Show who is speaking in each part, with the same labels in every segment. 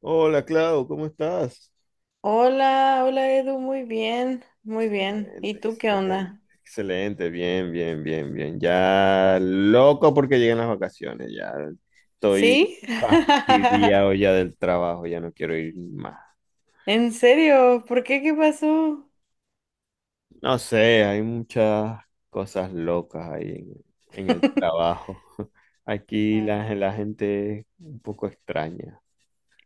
Speaker 1: Hola, Clau, ¿cómo estás?
Speaker 2: Hola, hola Edu, muy bien, muy bien. ¿Y
Speaker 1: Excelente,
Speaker 2: tú qué
Speaker 1: excelente,
Speaker 2: onda?
Speaker 1: excelente, bien, bien, bien, bien. Ya loco porque llegan las vacaciones, ya estoy
Speaker 2: ¿Sí?
Speaker 1: fastidiado ya del trabajo, ya no quiero ir más.
Speaker 2: ¿En serio? ¿Por qué? ¿Qué pasó?
Speaker 1: No sé, hay muchas cosas locas ahí en el trabajo. Aquí
Speaker 2: Ah,
Speaker 1: la gente es un poco extraña.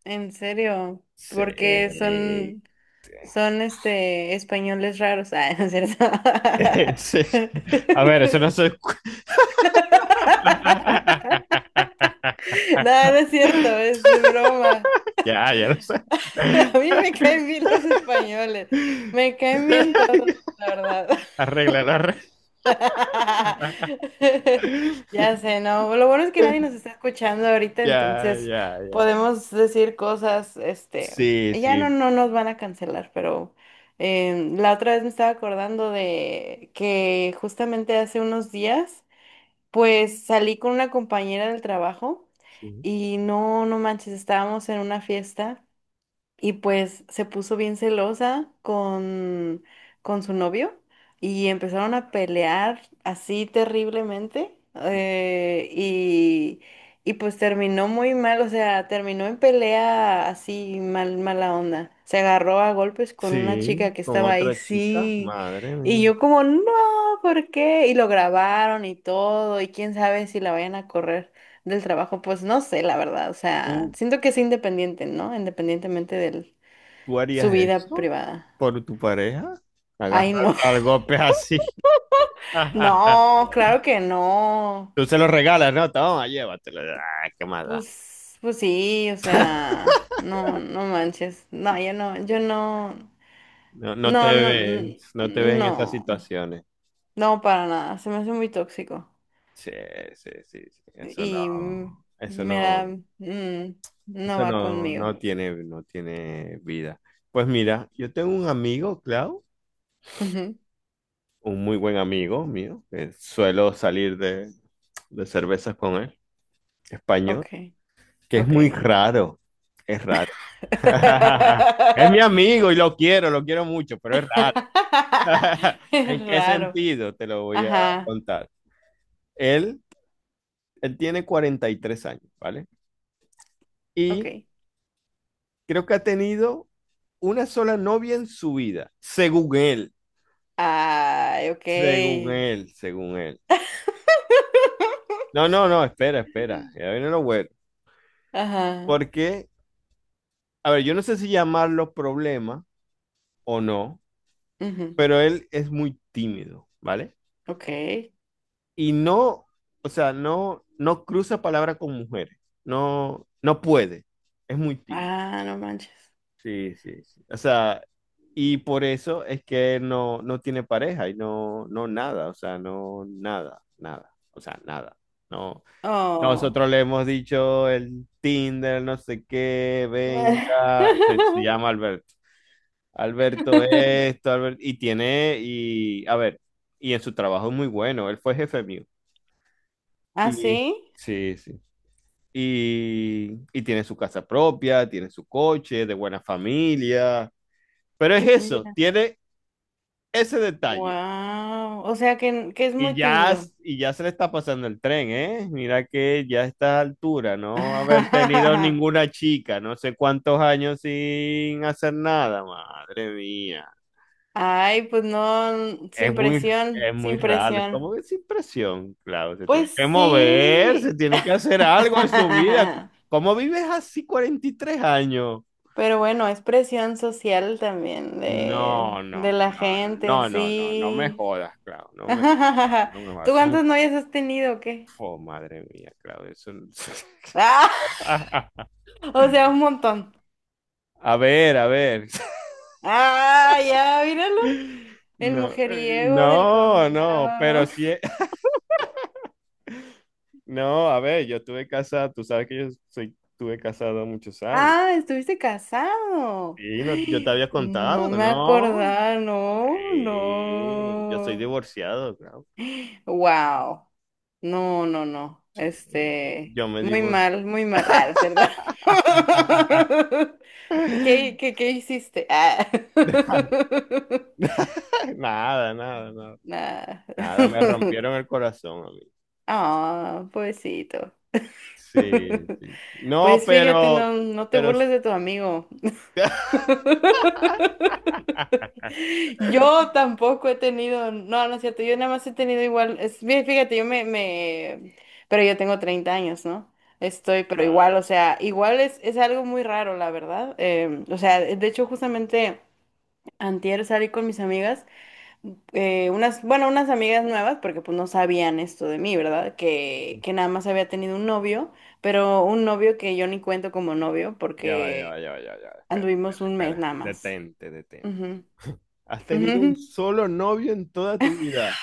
Speaker 2: ¿en serio?
Speaker 1: Sí.
Speaker 2: Porque son españoles raros. Ah, no es cierto.
Speaker 1: Sí. A ver, eso no se escucha.
Speaker 2: No, no es cierto, es broma.
Speaker 1: Ya, ya lo sé.
Speaker 2: A mí me caen bien los españoles. Me caen bien todos, la verdad.
Speaker 1: Arréglalo, arréglalo.
Speaker 2: Ya sé, ¿no? Lo bueno es que nadie nos está escuchando ahorita,
Speaker 1: Ya,
Speaker 2: entonces
Speaker 1: ya, ya.
Speaker 2: podemos decir cosas,
Speaker 1: Sí,
Speaker 2: ya no,
Speaker 1: sí,
Speaker 2: no nos van a cancelar, pero la otra vez me estaba acordando de que justamente hace unos días, pues salí con una compañera del trabajo
Speaker 1: sí.
Speaker 2: y no, no manches, estábamos en una fiesta. Y pues se puso bien celosa con su novio y empezaron a pelear así terriblemente. Y pues terminó muy mal, o sea, terminó en pelea así mal, mala onda. Se agarró a golpes con una chica
Speaker 1: Sí,
Speaker 2: que
Speaker 1: con
Speaker 2: estaba ahí,
Speaker 1: otra chica.
Speaker 2: sí.
Speaker 1: Madre
Speaker 2: Y
Speaker 1: mía.
Speaker 2: yo como, no, ¿por qué? Y lo grabaron y todo, y quién sabe si la vayan a correr del trabajo, pues no sé, la verdad, o sea,
Speaker 1: ¿Tú,
Speaker 2: siento que es independiente, ¿no? Independientemente de
Speaker 1: tú
Speaker 2: su
Speaker 1: harías
Speaker 2: vida
Speaker 1: eso
Speaker 2: privada.
Speaker 1: por tu pareja?
Speaker 2: Ay,
Speaker 1: Agarrar
Speaker 2: no,
Speaker 1: al golpe así.
Speaker 2: no, claro que no.
Speaker 1: Tú se lo regalas, ¿no? Toma, llévatelo. Ah, qué maldad.
Speaker 2: Pues sí, o sea, no, no manches. No, yo no, yo no,
Speaker 1: No, no te
Speaker 2: no, no,
Speaker 1: ves, no te ves en esas
Speaker 2: no,
Speaker 1: situaciones.
Speaker 2: no, para nada, se me hace muy tóxico
Speaker 1: Sí, sí, sí, sí. Eso
Speaker 2: y
Speaker 1: no, eso
Speaker 2: me da,
Speaker 1: no.
Speaker 2: mm, no
Speaker 1: Eso
Speaker 2: va
Speaker 1: no,
Speaker 2: conmigo.
Speaker 1: no tiene, no tiene vida. Pues mira, yo tengo un amigo, Clau,
Speaker 2: Ujú,
Speaker 1: un muy buen amigo mío, que suelo salir de cervezas con él, español,
Speaker 2: ok,
Speaker 1: que es muy
Speaker 2: ok.
Speaker 1: raro, es raro. Es mi amigo y lo quiero mucho, pero es raro.
Speaker 2: Es
Speaker 1: ¿En qué
Speaker 2: raro.
Speaker 1: sentido? Te lo voy a
Speaker 2: Ajá,
Speaker 1: contar. Él, él tiene 43 años, ¿vale? Y
Speaker 2: ok.
Speaker 1: creo que ha tenido una sola novia en su vida, según él.
Speaker 2: Ay, ok.
Speaker 1: Según él, según él. No, no, no, espera, espera. Ya viene lo bueno.
Speaker 2: Ajá,
Speaker 1: Porque, a ver, yo no sé si llamarlo problema o no,
Speaker 2: ujú,
Speaker 1: pero él es muy tímido, ¿vale?
Speaker 2: ok.
Speaker 1: Y no, o sea, no, no cruza palabra con mujeres. No, no puede. Es muy tímido.
Speaker 2: Ah, no manches.
Speaker 1: Sí, sí, sí. O sea, y por eso es que él no, no tiene pareja y no, no nada, o sea, no nada, nada, o sea, nada. No,
Speaker 2: Oh.
Speaker 1: nosotros le hemos dicho el Tinder, no sé qué, venga, se llama Alberto. Alberto esto, Alberto, y tiene, y a ver, y en su trabajo es muy bueno, él fue jefe mío.
Speaker 2: ¿Ah,
Speaker 1: Y
Speaker 2: sí?
Speaker 1: sí, sí. Y tiene su casa propia, tiene su coche, de buena familia, pero es eso,
Speaker 2: Mira.
Speaker 1: tiene ese detalle.
Speaker 2: Wow. O sea que es
Speaker 1: Y
Speaker 2: muy
Speaker 1: ya,
Speaker 2: tímido.
Speaker 1: y ya se le está pasando el tren, ¿eh? Mira que ya a esta altura, no haber tenido ninguna chica, no sé cuántos años sin hacer nada, madre mía.
Speaker 2: Ay, pues no,
Speaker 1: Es
Speaker 2: sin
Speaker 1: muy,
Speaker 2: presión,
Speaker 1: es muy
Speaker 2: sin
Speaker 1: raro, es
Speaker 2: presión.
Speaker 1: como que sin presión, claro, se tiene
Speaker 2: Pues
Speaker 1: que mover, se
Speaker 2: sí.
Speaker 1: tiene que hacer algo en su vida. ¿Cómo vives así 43 años?
Speaker 2: Pero bueno, es presión social también de,
Speaker 1: No, no,
Speaker 2: de la
Speaker 1: no,
Speaker 2: gente,
Speaker 1: no, no, no, no me
Speaker 2: sí.
Speaker 1: jodas, claro, no me, no me
Speaker 2: ¿Tú
Speaker 1: jodas.
Speaker 2: cuántas novias has tenido o qué?
Speaker 1: Oh, madre mía, claro, eso.
Speaker 2: ¡Ah! O sea, un montón.
Speaker 1: A ver, a ver.
Speaker 2: Ah, ya, míralo. El
Speaker 1: No,
Speaker 2: mujeriego del
Speaker 1: no, no,
Speaker 2: condado,
Speaker 1: pero
Speaker 2: ¿no?
Speaker 1: sí, no, a ver, yo estuve casado, tú sabes que yo soy, estuve casado muchos años.
Speaker 2: Ah, estuviste casado.
Speaker 1: Sí, no, yo te
Speaker 2: Ay,
Speaker 1: había
Speaker 2: no
Speaker 1: contado,
Speaker 2: me
Speaker 1: ¿no?
Speaker 2: acordaba, no,
Speaker 1: Sí, yo soy
Speaker 2: no.
Speaker 1: divorciado, claro.
Speaker 2: Wow. No, no, no.
Speaker 1: Sí. Sí,
Speaker 2: Este,
Speaker 1: yo me
Speaker 2: muy
Speaker 1: divorcié.
Speaker 2: mal, muy mal. Ah, es verdad. ¿Qué hiciste? Ah.
Speaker 1: Nada, nada, nada.
Speaker 2: Nada.
Speaker 1: Nada, me rompieron el corazón a mí.
Speaker 2: Ah, pobrecito.
Speaker 1: Sí, sí. No,
Speaker 2: Pues fíjate,
Speaker 1: pero,
Speaker 2: no, no te
Speaker 1: pero
Speaker 2: burles de tu amigo. Yo tampoco he tenido, no, no es cierto, yo nada más he tenido igual, es, bien, fíjate, pero yo tengo 30 años, ¿no? Estoy, pero igual,
Speaker 1: Claro.
Speaker 2: o sea, igual es algo muy raro, la verdad. O sea, de hecho, justamente antier salí con mis amigas, unas, bueno, unas amigas nuevas, porque pues no sabían esto de mí, ¿verdad? Que nada más había tenido un novio, pero un novio que yo ni cuento como novio,
Speaker 1: Ya va, ya
Speaker 2: porque
Speaker 1: va, ya va, ya va, ya va. Espera,
Speaker 2: anduvimos
Speaker 1: espera,
Speaker 2: un mes
Speaker 1: espera.
Speaker 2: nada más.
Speaker 1: Detente, detente.
Speaker 2: Ujú,
Speaker 1: Has tenido un
Speaker 2: ujú.
Speaker 1: solo novio en toda tu vida.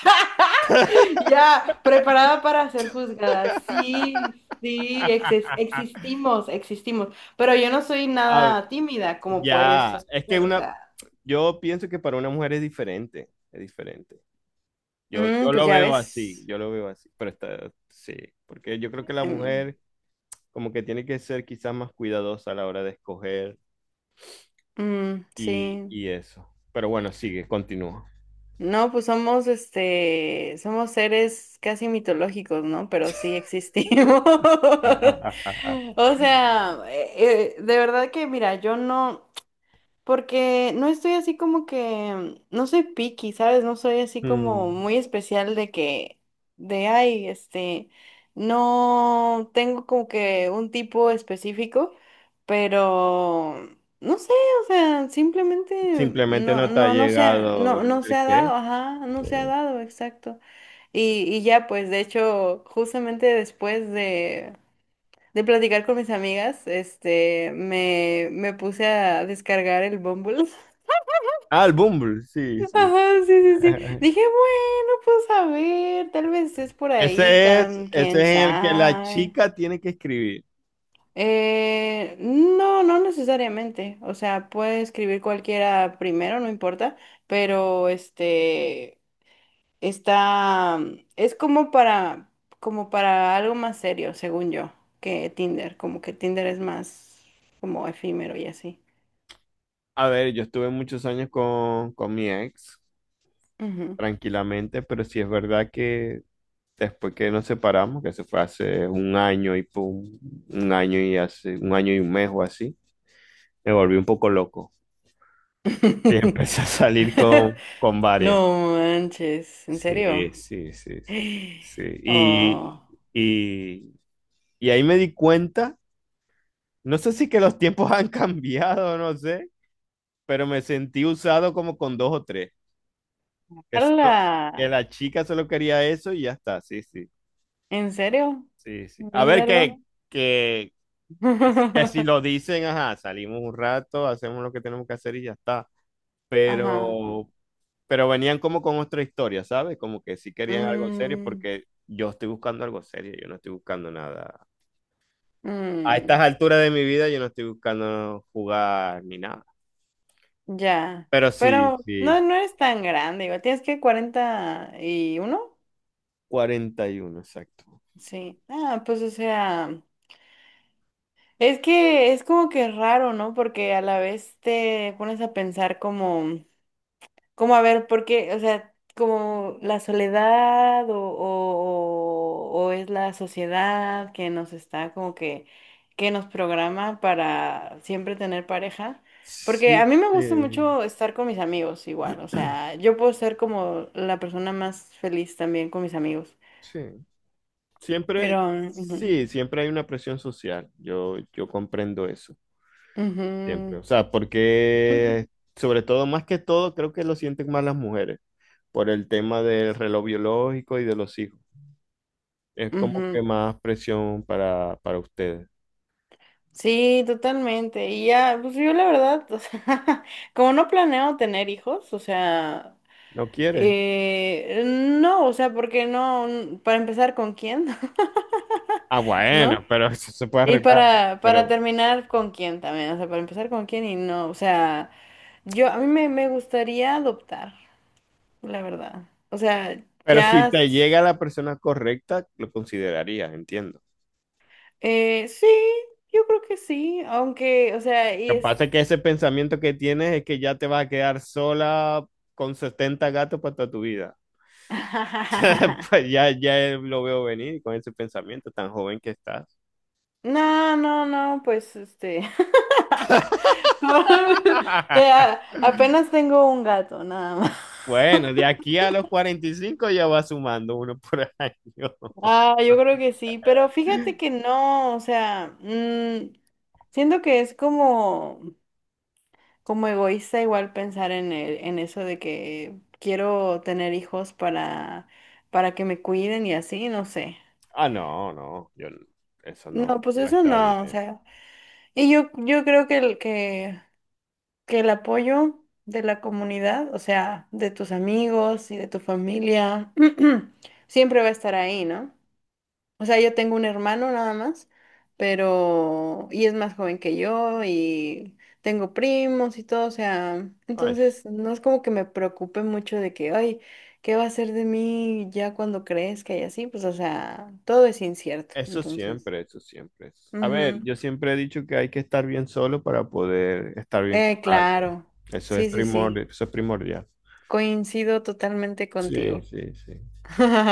Speaker 2: Ya, preparada para ser juzgada. Sí, sí, existimos, existimos. Pero yo no soy
Speaker 1: Ah,
Speaker 2: nada tímida, como puedes
Speaker 1: ya, es que
Speaker 2: escuchar, o
Speaker 1: una,
Speaker 2: sea.
Speaker 1: yo pienso que para una mujer es diferente, es diferente. Yo,
Speaker 2: Mm,
Speaker 1: yo
Speaker 2: pues
Speaker 1: lo
Speaker 2: ya
Speaker 1: veo así,
Speaker 2: ves.
Speaker 1: yo lo veo así, pero está, sí, porque yo creo que la
Speaker 2: Mm,
Speaker 1: mujer como que tiene que ser quizás más cuidadosa a la hora de escoger
Speaker 2: mm,
Speaker 1: y,
Speaker 2: sí.
Speaker 1: y eso. Pero bueno, sigue, continúa.
Speaker 2: No, pues somos, somos seres casi mitológicos, ¿no? Pero sí existimos. O sea, de verdad que, mira, yo no. Porque no estoy así como que, no soy picky, ¿sabes? No soy así como
Speaker 1: Mm.
Speaker 2: muy especial de que, de, ay, no tengo como que un tipo específico, pero, no sé, o sea, simplemente
Speaker 1: Simplemente
Speaker 2: no,
Speaker 1: no te ha
Speaker 2: no, no se ha,
Speaker 1: llegado
Speaker 2: no,
Speaker 1: el
Speaker 2: no se
Speaker 1: el
Speaker 2: ha
Speaker 1: qué.
Speaker 2: dado, ajá, no se ha dado, exacto. Y ya, pues, de hecho, justamente después de platicar con mis amigas, me puse a descargar el Bumble.
Speaker 1: Ah, el Bumble, sí, sí.
Speaker 2: Ajá, sí, sí, sí. Dije, bueno, pues a ver, tal vez es por ahí,
Speaker 1: Ese es,
Speaker 2: tan,
Speaker 1: ese
Speaker 2: quién
Speaker 1: es en el que la
Speaker 2: sabe.
Speaker 1: chica tiene que escribir.
Speaker 2: No, no necesariamente. O sea, puede escribir cualquiera primero, no importa, pero este está, es como para, como para algo más serio, según yo, que Tinder. Como que Tinder es más como efímero y así.
Speaker 1: A ver, yo estuve muchos años con mi ex,
Speaker 2: Ujú.
Speaker 1: tranquilamente, pero sí es verdad que después que nos separamos, que se fue hace un año y pum, un año y hace, un año y un mes o así, me volví un poco loco. Y empecé a salir con varias.
Speaker 2: No manches, ¿en
Speaker 1: Sí,
Speaker 2: serio?
Speaker 1: sí, sí, sí, sí.
Speaker 2: Oh,
Speaker 1: Y, y ahí me di cuenta, no sé si que los tiempos han cambiado, no sé, pero me sentí usado como con dos o tres, que, solo- que
Speaker 2: ¡hala!
Speaker 1: la chica solo quería eso y ya está, sí, sí,
Speaker 2: ¿En serio?
Speaker 1: sí, sí. A ver
Speaker 2: Míralo.
Speaker 1: que, que, que si lo dicen, ajá, salimos un rato, hacemos lo que tenemos que hacer y ya está,
Speaker 2: Ajá.
Speaker 1: pero, pero, venían como con otra historia, ¿sabes? Como que sí querían algo serio
Speaker 2: Mm,
Speaker 1: porque. Yo estoy buscando algo serio, yo no estoy buscando nada. A
Speaker 2: mm,
Speaker 1: estas alturas de mi vida yo no estoy buscando jugar ni nada.
Speaker 2: ya.
Speaker 1: Pero sí,
Speaker 2: Pero no,
Speaker 1: sí.
Speaker 2: no es tan grande, igual. ¿Tienes que 41?
Speaker 1: 41, exacto.
Speaker 2: Sí. Ah, pues o sea, es que es como que raro, ¿no? Porque a la vez te pones a pensar como. Como a ver, ¿por qué? O sea, como la soledad o es la sociedad que nos está como que nos programa para siempre tener pareja. Porque a
Speaker 1: Sí,
Speaker 2: mí me gusta
Speaker 1: sí,
Speaker 2: mucho estar con mis amigos igual, o sea, yo puedo ser como la persona más feliz también con mis amigos.
Speaker 1: sí.
Speaker 2: Pero...
Speaker 1: Siempre,
Speaker 2: ujú,
Speaker 1: sí, siempre hay una presión social. Yo comprendo eso, siempre.
Speaker 2: ujú.
Speaker 1: O sea, porque sobre todo, más que todo, creo que lo sienten más las mujeres por el tema del reloj biológico y de los hijos. Es como
Speaker 2: Ujú.
Speaker 1: que más presión para ustedes.
Speaker 2: Sí, totalmente. Y ya, pues yo la verdad, o sea, como no planeo tener hijos, o sea,
Speaker 1: ¿No quieres?
Speaker 2: Eh, no, o sea, porque no, para empezar con quién,
Speaker 1: Ah,
Speaker 2: ¿no?
Speaker 1: bueno, pero eso se puede
Speaker 2: Y
Speaker 1: arreglar.
Speaker 2: para
Speaker 1: Pero
Speaker 2: terminar con quién también, o sea, para empezar con quién y no, o sea, yo, a mí me gustaría adoptar, la verdad. O sea,
Speaker 1: Pero si
Speaker 2: ya,
Speaker 1: te llega la persona correcta, lo considerarías, entiendo.
Speaker 2: sí, yo creo que sí, aunque, o sea, y
Speaker 1: Lo que
Speaker 2: es...
Speaker 1: pasa es que ese pensamiento que tienes es que ya te vas a quedar sola con 70 gatos para toda tu vida. Pues ya, ya lo veo venir con ese pensamiento tan joven que estás.
Speaker 2: No, no, no, pues Como- apenas tengo un gato, nada más.
Speaker 1: Bueno, de aquí a los 45 ya va sumando uno por año.
Speaker 2: Ah, yo creo que sí, pero fíjate que no, o sea, siento que es como, egoísta igual pensar en en eso de que quiero tener hijos para que me cuiden y así, no sé.
Speaker 1: Ah, no, no, yo, eso
Speaker 2: No,
Speaker 1: no,
Speaker 2: pues
Speaker 1: no
Speaker 2: eso
Speaker 1: está
Speaker 2: no, o
Speaker 1: bien.
Speaker 2: sea, y yo creo que el apoyo de la comunidad, o sea, de tus amigos y de tu familia, siempre va a estar ahí, ¿no? O sea, yo tengo un hermano nada más, pero... Y es más joven que yo y tengo primos y todo, o sea,
Speaker 1: Ay,
Speaker 2: entonces no es como que me preocupe mucho de que, ay, ¿qué va a ser de mí ya cuando crezca y así? Pues, o sea, todo es incierto,
Speaker 1: eso
Speaker 2: entonces.
Speaker 1: siempre, eso siempre. A ver,
Speaker 2: Ujú.
Speaker 1: yo siempre he dicho que hay que estar bien solo para poder estar bien con
Speaker 2: Eh,
Speaker 1: alguien.
Speaker 2: claro,
Speaker 1: Eso
Speaker 2: sí,
Speaker 1: es
Speaker 2: sí, sí,
Speaker 1: primordial, eso es primordial.
Speaker 2: coincido totalmente
Speaker 1: Sí,
Speaker 2: contigo.
Speaker 1: sí, sí.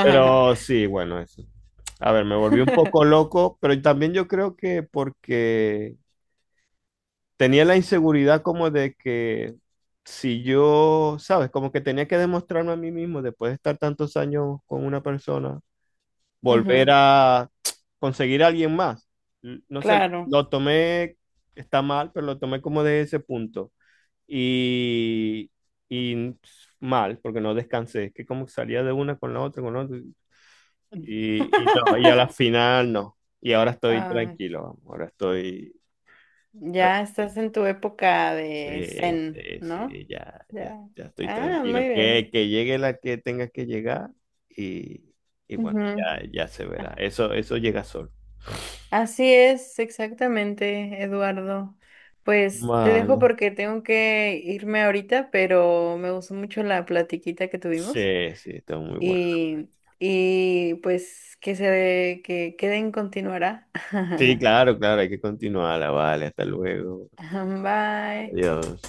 Speaker 1: Pero sí, bueno, eso. A ver, me volví un poco loco, pero también yo creo que porque tenía la inseguridad como de que si yo, ¿sabes? Como que tenía que demostrarme a mí mismo después de estar tantos años con una persona volver
Speaker 2: Ujú,
Speaker 1: a conseguir a alguien más. No sé,
Speaker 2: claro.
Speaker 1: lo tomé, está mal, pero lo tomé como de ese punto. Y, y mal, porque no descansé. Es que como salía de una con la otra, con la otra. Y no, y a la final no. Y ahora estoy
Speaker 2: Ay,
Speaker 1: tranquilo, vamos, ahora estoy. tra-
Speaker 2: ya estás en tu época de
Speaker 1: Sí,
Speaker 2: zen,
Speaker 1: sí,
Speaker 2: ¿no?
Speaker 1: sí, ya, ya,
Speaker 2: Ya.
Speaker 1: ya estoy
Speaker 2: Ah, muy
Speaker 1: tranquilo.
Speaker 2: bien.
Speaker 1: Que llegue la que tenga que llegar y, y bueno,
Speaker 2: Ujú.
Speaker 1: ya, ya se
Speaker 2: Ah,
Speaker 1: verá. Eso llega solo.
Speaker 2: así es, exactamente, Eduardo. Pues te dejo
Speaker 1: Mal.
Speaker 2: porque tengo que irme ahorita, pero me gustó mucho la platiquita que tuvimos
Speaker 1: Sí, sí, está muy bueno.
Speaker 2: y, y pues que se que queden continuará.
Speaker 1: Sí, claro, claro, hay que continuarla, vale, hasta luego.
Speaker 2: Bye.
Speaker 1: Adiós.